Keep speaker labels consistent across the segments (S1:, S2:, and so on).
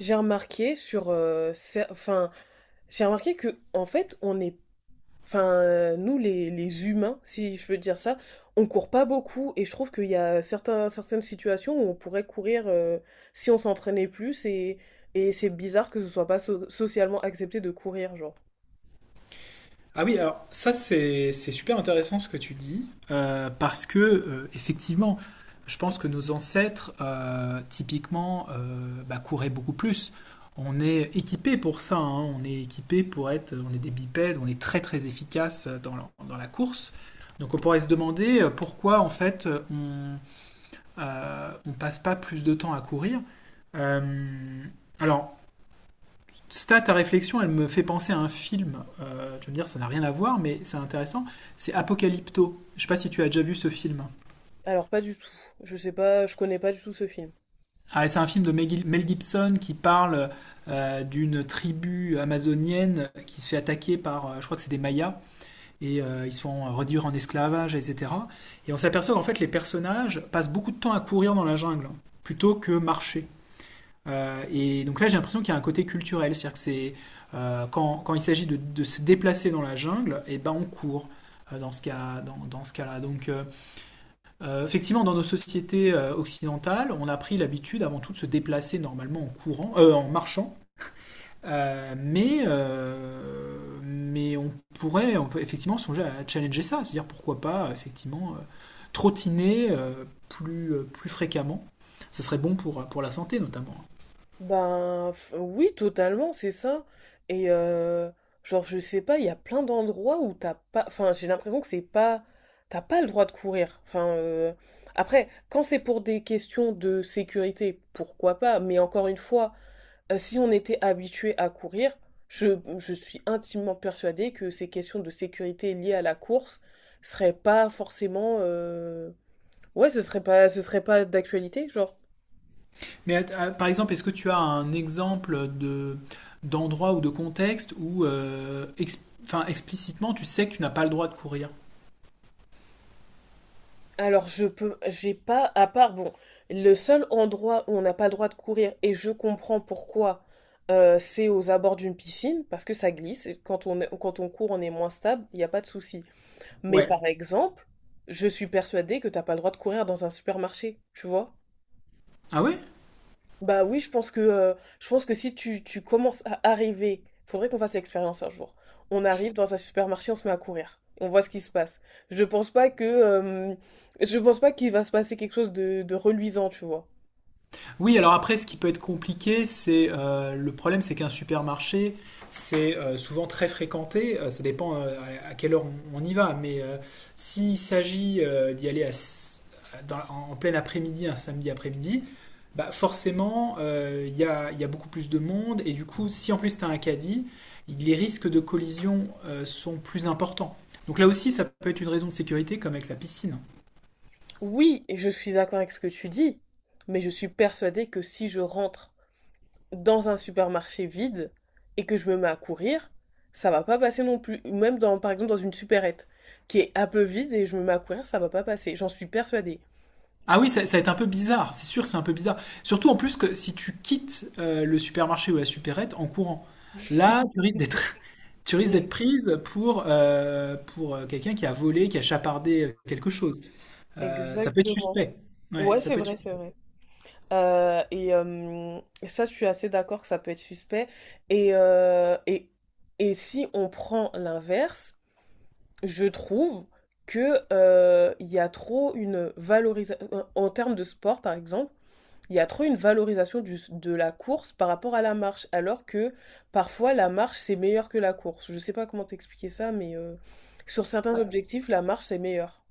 S1: J'ai remarqué sur, j'ai remarqué que en fait, nous les humains, si je peux dire ça, on court pas beaucoup et je trouve qu'il y a certaines situations où on pourrait courir si on s'entraînait plus , et c'est bizarre que ce soit pas socialement accepté de courir, genre.
S2: Ah oui, alors ça c'est super intéressant ce que tu dis, parce que effectivement, je pense que nos ancêtres typiquement bah, couraient beaucoup plus. On est équipé pour ça, hein, on est équipé pour être, on est des bipèdes, on est très très efficace dans la course. Donc on pourrait se demander pourquoi en fait on passe pas plus de temps à courir. Euh, alors ça, ta réflexion, elle me fait penser à un film. Tu vas me dire, ça n'a rien à voir, mais c'est intéressant. C'est Apocalypto. Je ne sais pas si tu as déjà vu ce film.
S1: Alors pas du tout. Je sais pas, je connais pas du tout ce film.
S2: Ah, c'est un film de Mel Gibson qui parle d'une tribu amazonienne qui se fait attaquer par, je crois que c'est des Mayas, et ils se font réduire en esclavage, etc. Et on s'aperçoit qu'en fait, les personnages passent beaucoup de temps à courir dans la jungle plutôt que marcher. Et donc là, j'ai l'impression qu'il y a un côté culturel, c'est-à-dire que c'est quand il s'agit de se déplacer dans la jungle, et ben on court dans ce cas, dans ce cas-là. Donc effectivement, dans nos sociétés occidentales, on a pris l'habitude avant tout de se déplacer normalement en courant, en marchant. Mais on peut effectivement songer à challenger ça, c'est-à-dire pourquoi pas effectivement trottiner plus fréquemment. Ce serait bon pour la santé notamment.
S1: Oui, totalement, c'est ça. Et genre, je sais pas, il y a plein d'endroits où t'as pas. Enfin, j'ai l'impression que c'est pas. T'as pas le droit de courir. Enfin, après, quand c'est pour des questions de sécurité, pourquoi pas? Mais encore une fois, si on était habitué à courir, je suis intimement persuadée que ces questions de sécurité liées à la course seraient pas forcément. Ouais, ce serait pas d'actualité, genre.
S2: Mais par exemple, est-ce que tu as un exemple de d'endroit ou de contexte où enfin, explicitement tu sais que tu n'as pas le droit de courir?
S1: Alors, j'ai pas, à part, bon, le seul endroit où on n'a pas le droit de courir, et je comprends pourquoi, c'est aux abords d'une piscine, parce que ça glisse, et quand quand on court, on est moins stable, il n'y a pas de souci. Mais
S2: Ouais.
S1: par exemple, je suis persuadée que t'as pas le droit de courir dans un supermarché, tu vois?
S2: Ah ouais?
S1: Bah oui, je pense que, je pense que si tu commences à arriver, faudrait qu'on fasse l'expérience un jour. On arrive dans un supermarché, on se met à courir. On voit ce qui se passe. Je pense pas que, je pense pas qu'il va se passer quelque chose de reluisant, tu vois.
S2: Oui, alors après, ce qui peut être compliqué, c'est le problème, c'est qu'un supermarché, c'est souvent très fréquenté. Ça dépend à quelle heure on y va, mais s'il s'agit d'y aller à s- dans- en en plein après-midi, un samedi après-midi, bah forcément, il y a beaucoup plus de monde, et du coup, si en plus tu as un caddie, les risques de collision sont plus importants. Donc là aussi, ça peut être une raison de sécurité, comme avec la piscine.
S1: Oui, et je suis d'accord avec ce que tu dis, mais je suis persuadée que si je rentre dans un supermarché vide et que je me mets à courir, ça va pas passer non plus. Ou même dans, par exemple, dans une supérette qui est un peu vide et je me mets à courir, ça va pas passer. J'en suis persuadée.
S2: Ah oui, ça va être un peu bizarre, c'est sûr, c'est un peu bizarre. Surtout en plus que si tu quittes le supermarché ou la supérette en courant, là, tu risques d'être, tu risques d'être prise pour quelqu'un qui a volé, qui a chapardé quelque chose. Ça peut être
S1: Exactement.
S2: suspect. Ouais,
S1: Ouais,
S2: ça
S1: c'est
S2: peut être.
S1: vrai, c'est vrai. Euh, et euh, ça, je suis assez d'accord que ça peut être suspect. Et, euh, et, et si on prend l'inverse, je trouve que il y a trop une valorisation, en termes de sport par exemple, il y a trop une valorisation de la course par rapport à la marche, alors que parfois la marche c'est meilleur que la course. Je sais pas comment t'expliquer ça, mais sur certains objectifs, la marche c'est meilleur.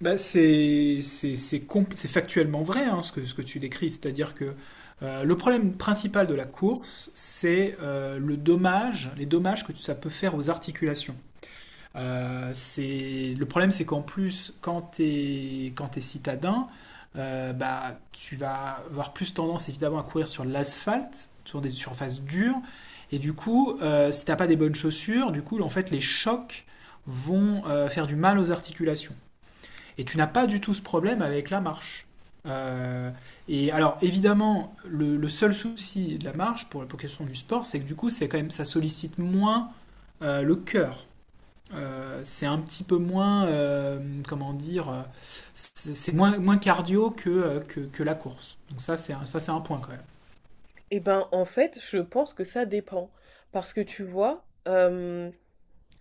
S2: Bah, c'est factuellement vrai hein, ce que tu décris, c'est-à-dire que le problème principal de la course, c'est les dommages que ça peut faire aux articulations. Le problème, c'est qu'en plus, quand t'es citadin, bah, tu vas avoir plus tendance évidemment à courir sur l'asphalte, sur des surfaces dures. Et du coup, si t'as pas des bonnes chaussures, du coup, en fait, les chocs vont faire du mal aux articulations. Et tu n'as pas du tout ce problème avec la marche. Euh, et alors, évidemment, le seul souci de la marche pour la question du sport, c'est que du coup, c'est quand même, ça sollicite moins le cœur. C'est un petit peu moins, comment dire, c'est moins cardio que la course. Donc ça, c'est un point quand même.
S1: Eh ben, en fait, je pense que ça dépend. Parce que tu vois,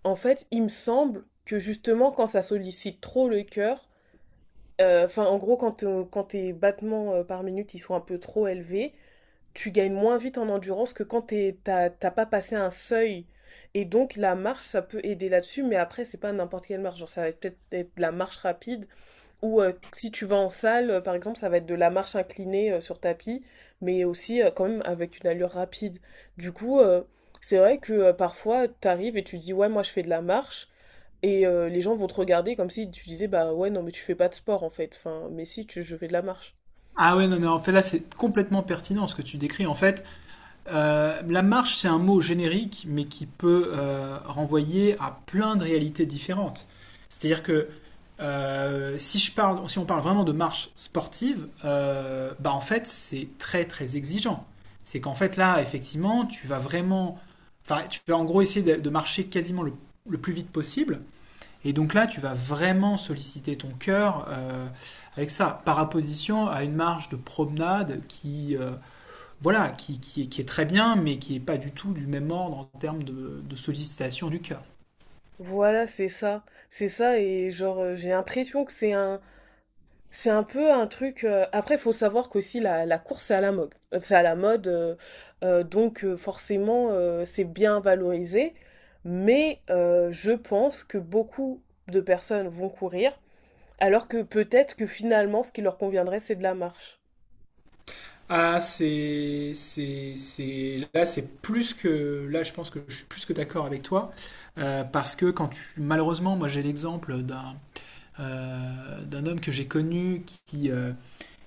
S1: en fait, il me semble que justement, quand ça sollicite trop le cœur, enfin, en gros, quand tes battements par minute, ils sont un peu trop élevés, tu gagnes moins vite en endurance que quand t'as pas passé un seuil. Et donc, la marche, ça peut aider là-dessus, mais après, c'est pas n'importe quelle marche. Genre, ça va peut-être être de la marche rapide ou si tu vas en salle, par exemple, ça va être de la marche inclinée sur tapis, mais aussi quand même avec une allure rapide. Du coup, c'est vrai que parfois, t'arrives et tu dis, ouais, moi je fais de la marche, et les gens vont te regarder comme si tu disais, bah ouais, non, mais tu fais pas de sport en fait. Enfin, mais si, je fais de la marche.
S2: Ah ouais, non, mais en fait, là, c'est complètement pertinent ce que tu décris. En fait, la marche, c'est un mot générique, mais qui peut renvoyer à plein de réalités différentes. C'est-à-dire que si on parle vraiment de marche sportive, bah en fait, c'est très très exigeant. C'est qu'en fait, là, effectivement, tu vas vraiment. Enfin, tu vas en gros essayer de marcher quasiment le plus vite possible. Et donc là, tu vas vraiment solliciter ton cœur avec ça, par opposition à une marche de promenade qui, voilà, qui est très bien, mais qui n'est pas du tout du même ordre en termes de sollicitation du cœur.
S1: Voilà, c'est ça. C'est ça, et genre, j'ai l'impression que c'est c'est un peu un truc. Après, il faut savoir qu'aussi la course, c'est à la mode. C'est à la mode, donc forcément, c'est bien valorisé. Mais je pense que beaucoup de personnes vont courir, alors que peut-être que finalement, ce qui leur conviendrait, c'est de la marche.
S2: Ah, là, c'est plus que, là, je pense que je suis plus que d'accord avec toi, parce que malheureusement, moi, j'ai l'exemple d'un homme que j'ai connu qui, euh,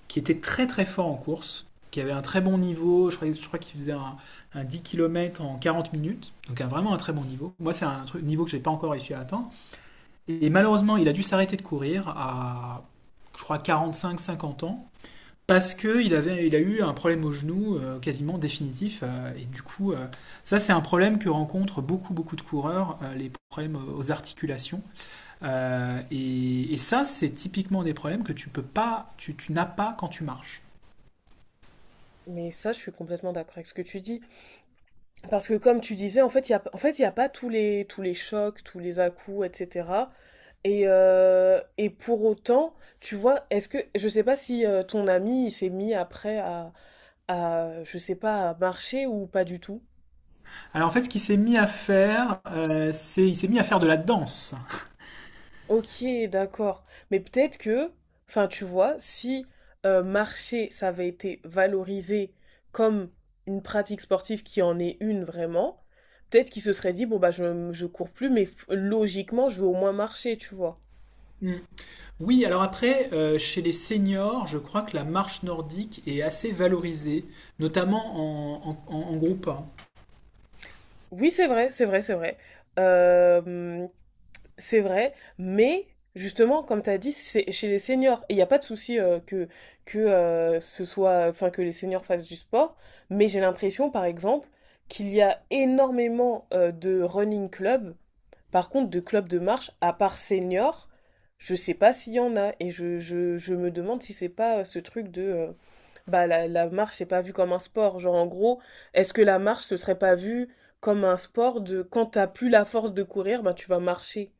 S2: qui était très très fort en course, qui avait un très bon niveau, je crois qu'il faisait un 10 km en 40 minutes, donc vraiment un très bon niveau. Moi, c'est un truc, niveau que j'ai pas encore réussi à atteindre. Et malheureusement, il a dû s'arrêter de courir à, je crois, 45-50 ans, parce qu'il a eu un problème au genou quasiment définitif. Et du coup, ça, c'est un problème que rencontrent beaucoup, beaucoup de coureurs, les problèmes aux articulations. Et ça, c'est typiquement des problèmes que tu n'as pas quand tu marches.
S1: Mais ça, je suis complètement d'accord avec ce que tu dis. Parce que comme tu disais, en fait, il y a, en fait, il y a pas tous tous les chocs, tous les à-coups, etc. Et pour autant, tu vois, est-ce que, je sais pas si ton ami il s'est mis après à, je sais pas, à marcher ou pas du tout.
S2: Alors en fait, ce qu'il s'est mis à faire, c'est il s'est mis à faire de la danse.
S1: Ok, d'accord. Mais peut-être que, enfin, tu vois, si marcher, ça avait été valorisé comme une pratique sportive qui en est une vraiment, peut-être qu'il se serait dit, bon, bah, je cours plus, mais logiquement, je veux au moins marcher, tu vois.
S2: Mm. Oui, alors après, chez les seniors, je crois que la marche nordique est assez valorisée, notamment en groupe. Un.
S1: Oui, c'est vrai, c'est vrai, c'est vrai. Euh, C'est vrai, mais justement, comme tu as dit, c'est chez les seniors. Il n'y a pas de souci que, ce soit, enfin, que les seniors fassent du sport, mais j'ai l'impression, par exemple, qu'il y a énormément de running clubs. Par contre, de clubs de marche, à part seniors, je sais pas s'il y en a. Et je me demande si c'est pas ce truc de. Bah, la marche, c'est pas vu comme un sport. Genre, en gros, est-ce que la marche, ce serait pas vu comme un sport de quand t'as plus la force de courir, bah, tu vas marcher?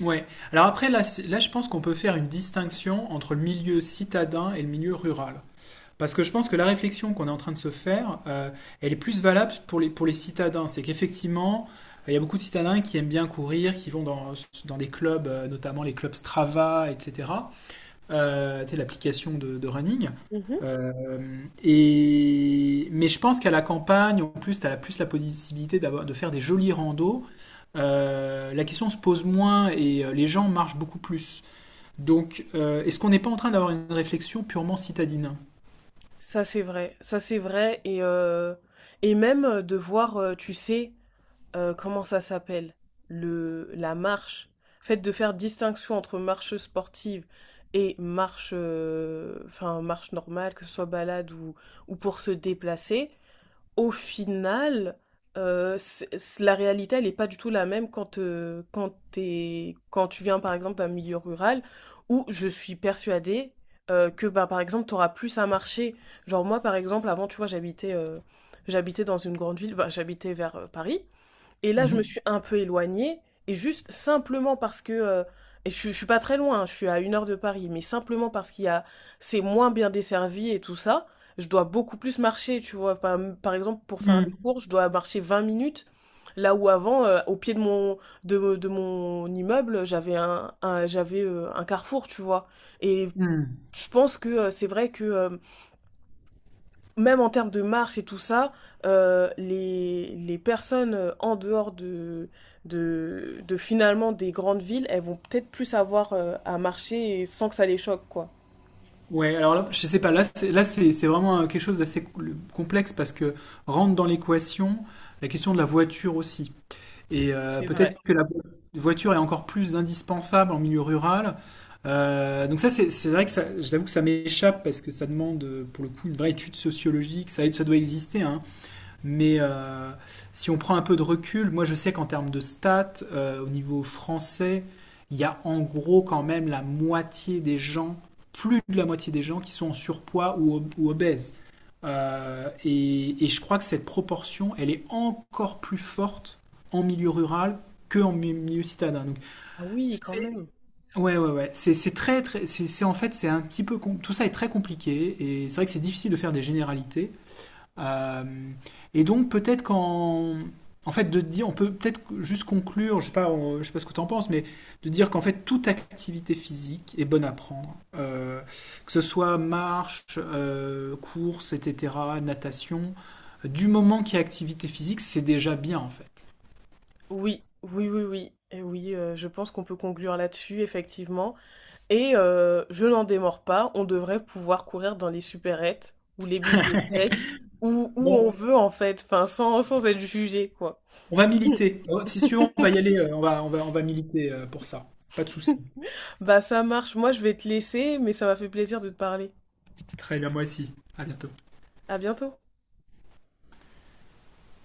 S2: Ouais. Alors après, là, là, je pense qu'on peut faire une distinction entre le milieu citadin et le milieu rural. Parce que je pense que la réflexion qu'on est en train de se faire, elle est plus valable pour les citadins. C'est qu'effectivement, il y a beaucoup de citadins qui aiment bien courir, qui vont dans des clubs, notamment les clubs Strava, etc. Tu sais, l'application de running.
S1: Mhm.
S2: Euh, Mais je pense qu'à la campagne, en plus, tu as plus la possibilité de faire des jolis randos. La question se pose moins et les gens marchent beaucoup plus. Donc, est-ce qu'on n'est pas en train d'avoir une réflexion purement citadine?
S1: Ça c'est vrai et même de voir, tu sais, comment ça s'appelle? La marche. En fait, de faire distinction entre marche sportive et marche, enfin, marche normale, que ce soit balade ou pour se déplacer, au final, la réalité, elle n'est pas du tout la même quand, quand tu viens, par exemple, d'un milieu rural où je suis persuadée que, bah, par exemple, tu auras plus à marcher. Genre, moi, par exemple, avant, tu vois, j'habitais dans une grande ville, bah, j'habitais vers Paris. Et là, je me
S2: Mhm.
S1: suis un peu éloignée, et juste simplement parce que, je suis pas très loin, hein, je suis à une heure de Paris, mais simplement parce qu'il y a, c'est moins bien desservi et tout ça, je dois beaucoup plus marcher, tu vois. Par exemple, pour faire des cours, je dois marcher 20 minutes, là où avant, au pied de de mon immeuble, j'avais, un carrefour, tu vois. Et
S2: Mhm.
S1: je pense que c'est vrai que même en termes de marche et tout ça, les personnes en dehors de finalement des grandes villes, elles vont peut-être plus avoir à marcher et sans que ça les choque, quoi.
S2: Ouais, alors là, je sais pas, là, c'est vraiment quelque chose d'assez complexe parce que rentre dans l'équation la question de la voiture aussi. Et
S1: C'est vrai.
S2: peut-être que la voiture est encore plus indispensable en milieu rural. Donc ça, c'est vrai que ça, je t'avoue que ça m'échappe parce que ça demande pour le coup une vraie étude sociologique. Ça doit exister, hein. Mais si on prend un peu de recul, moi je sais qu'en termes de stats, au niveau français, il y a en gros quand même la moitié des gens, plus de la moitié des gens qui sont en surpoids ou obèses. Et je crois que cette proportion, elle est encore plus forte en milieu rural que en milieu citadin. Donc,
S1: Ah oui, quand
S2: c'est-
S1: même.
S2: ouais, ouais, ouais. C'est très, très, en fait, c'est un petit peu, tout ça est très compliqué et c'est vrai que c'est difficile de faire des généralités. Euh, et donc peut-être qu'en fait de dire, on peut peut-être juste conclure, je sais pas, je sais pas ce que tu en penses, mais de dire qu'en fait toute activité physique est bonne à prendre, que ce soit marche, course, etc., natation, du moment qu'il y a activité physique, c'est déjà bien en fait.
S1: Oui, oui, oui, oui. Et oui, je pense qu'on peut conclure là-dessus, effectivement. Et je n'en démords pas, on devrait pouvoir courir dans les supérettes ou les bibliothèques, où
S2: Bon,
S1: on Ouais. veut, en fait, enfin, sans être jugé, quoi.
S2: on va militer. Si tu veux, on va y aller, on va militer pour ça. Pas de souci.
S1: Bah ça marche, moi je vais te laisser, mais ça m'a fait plaisir de te parler.
S2: Très bien, moi aussi. À bientôt.
S1: À bientôt.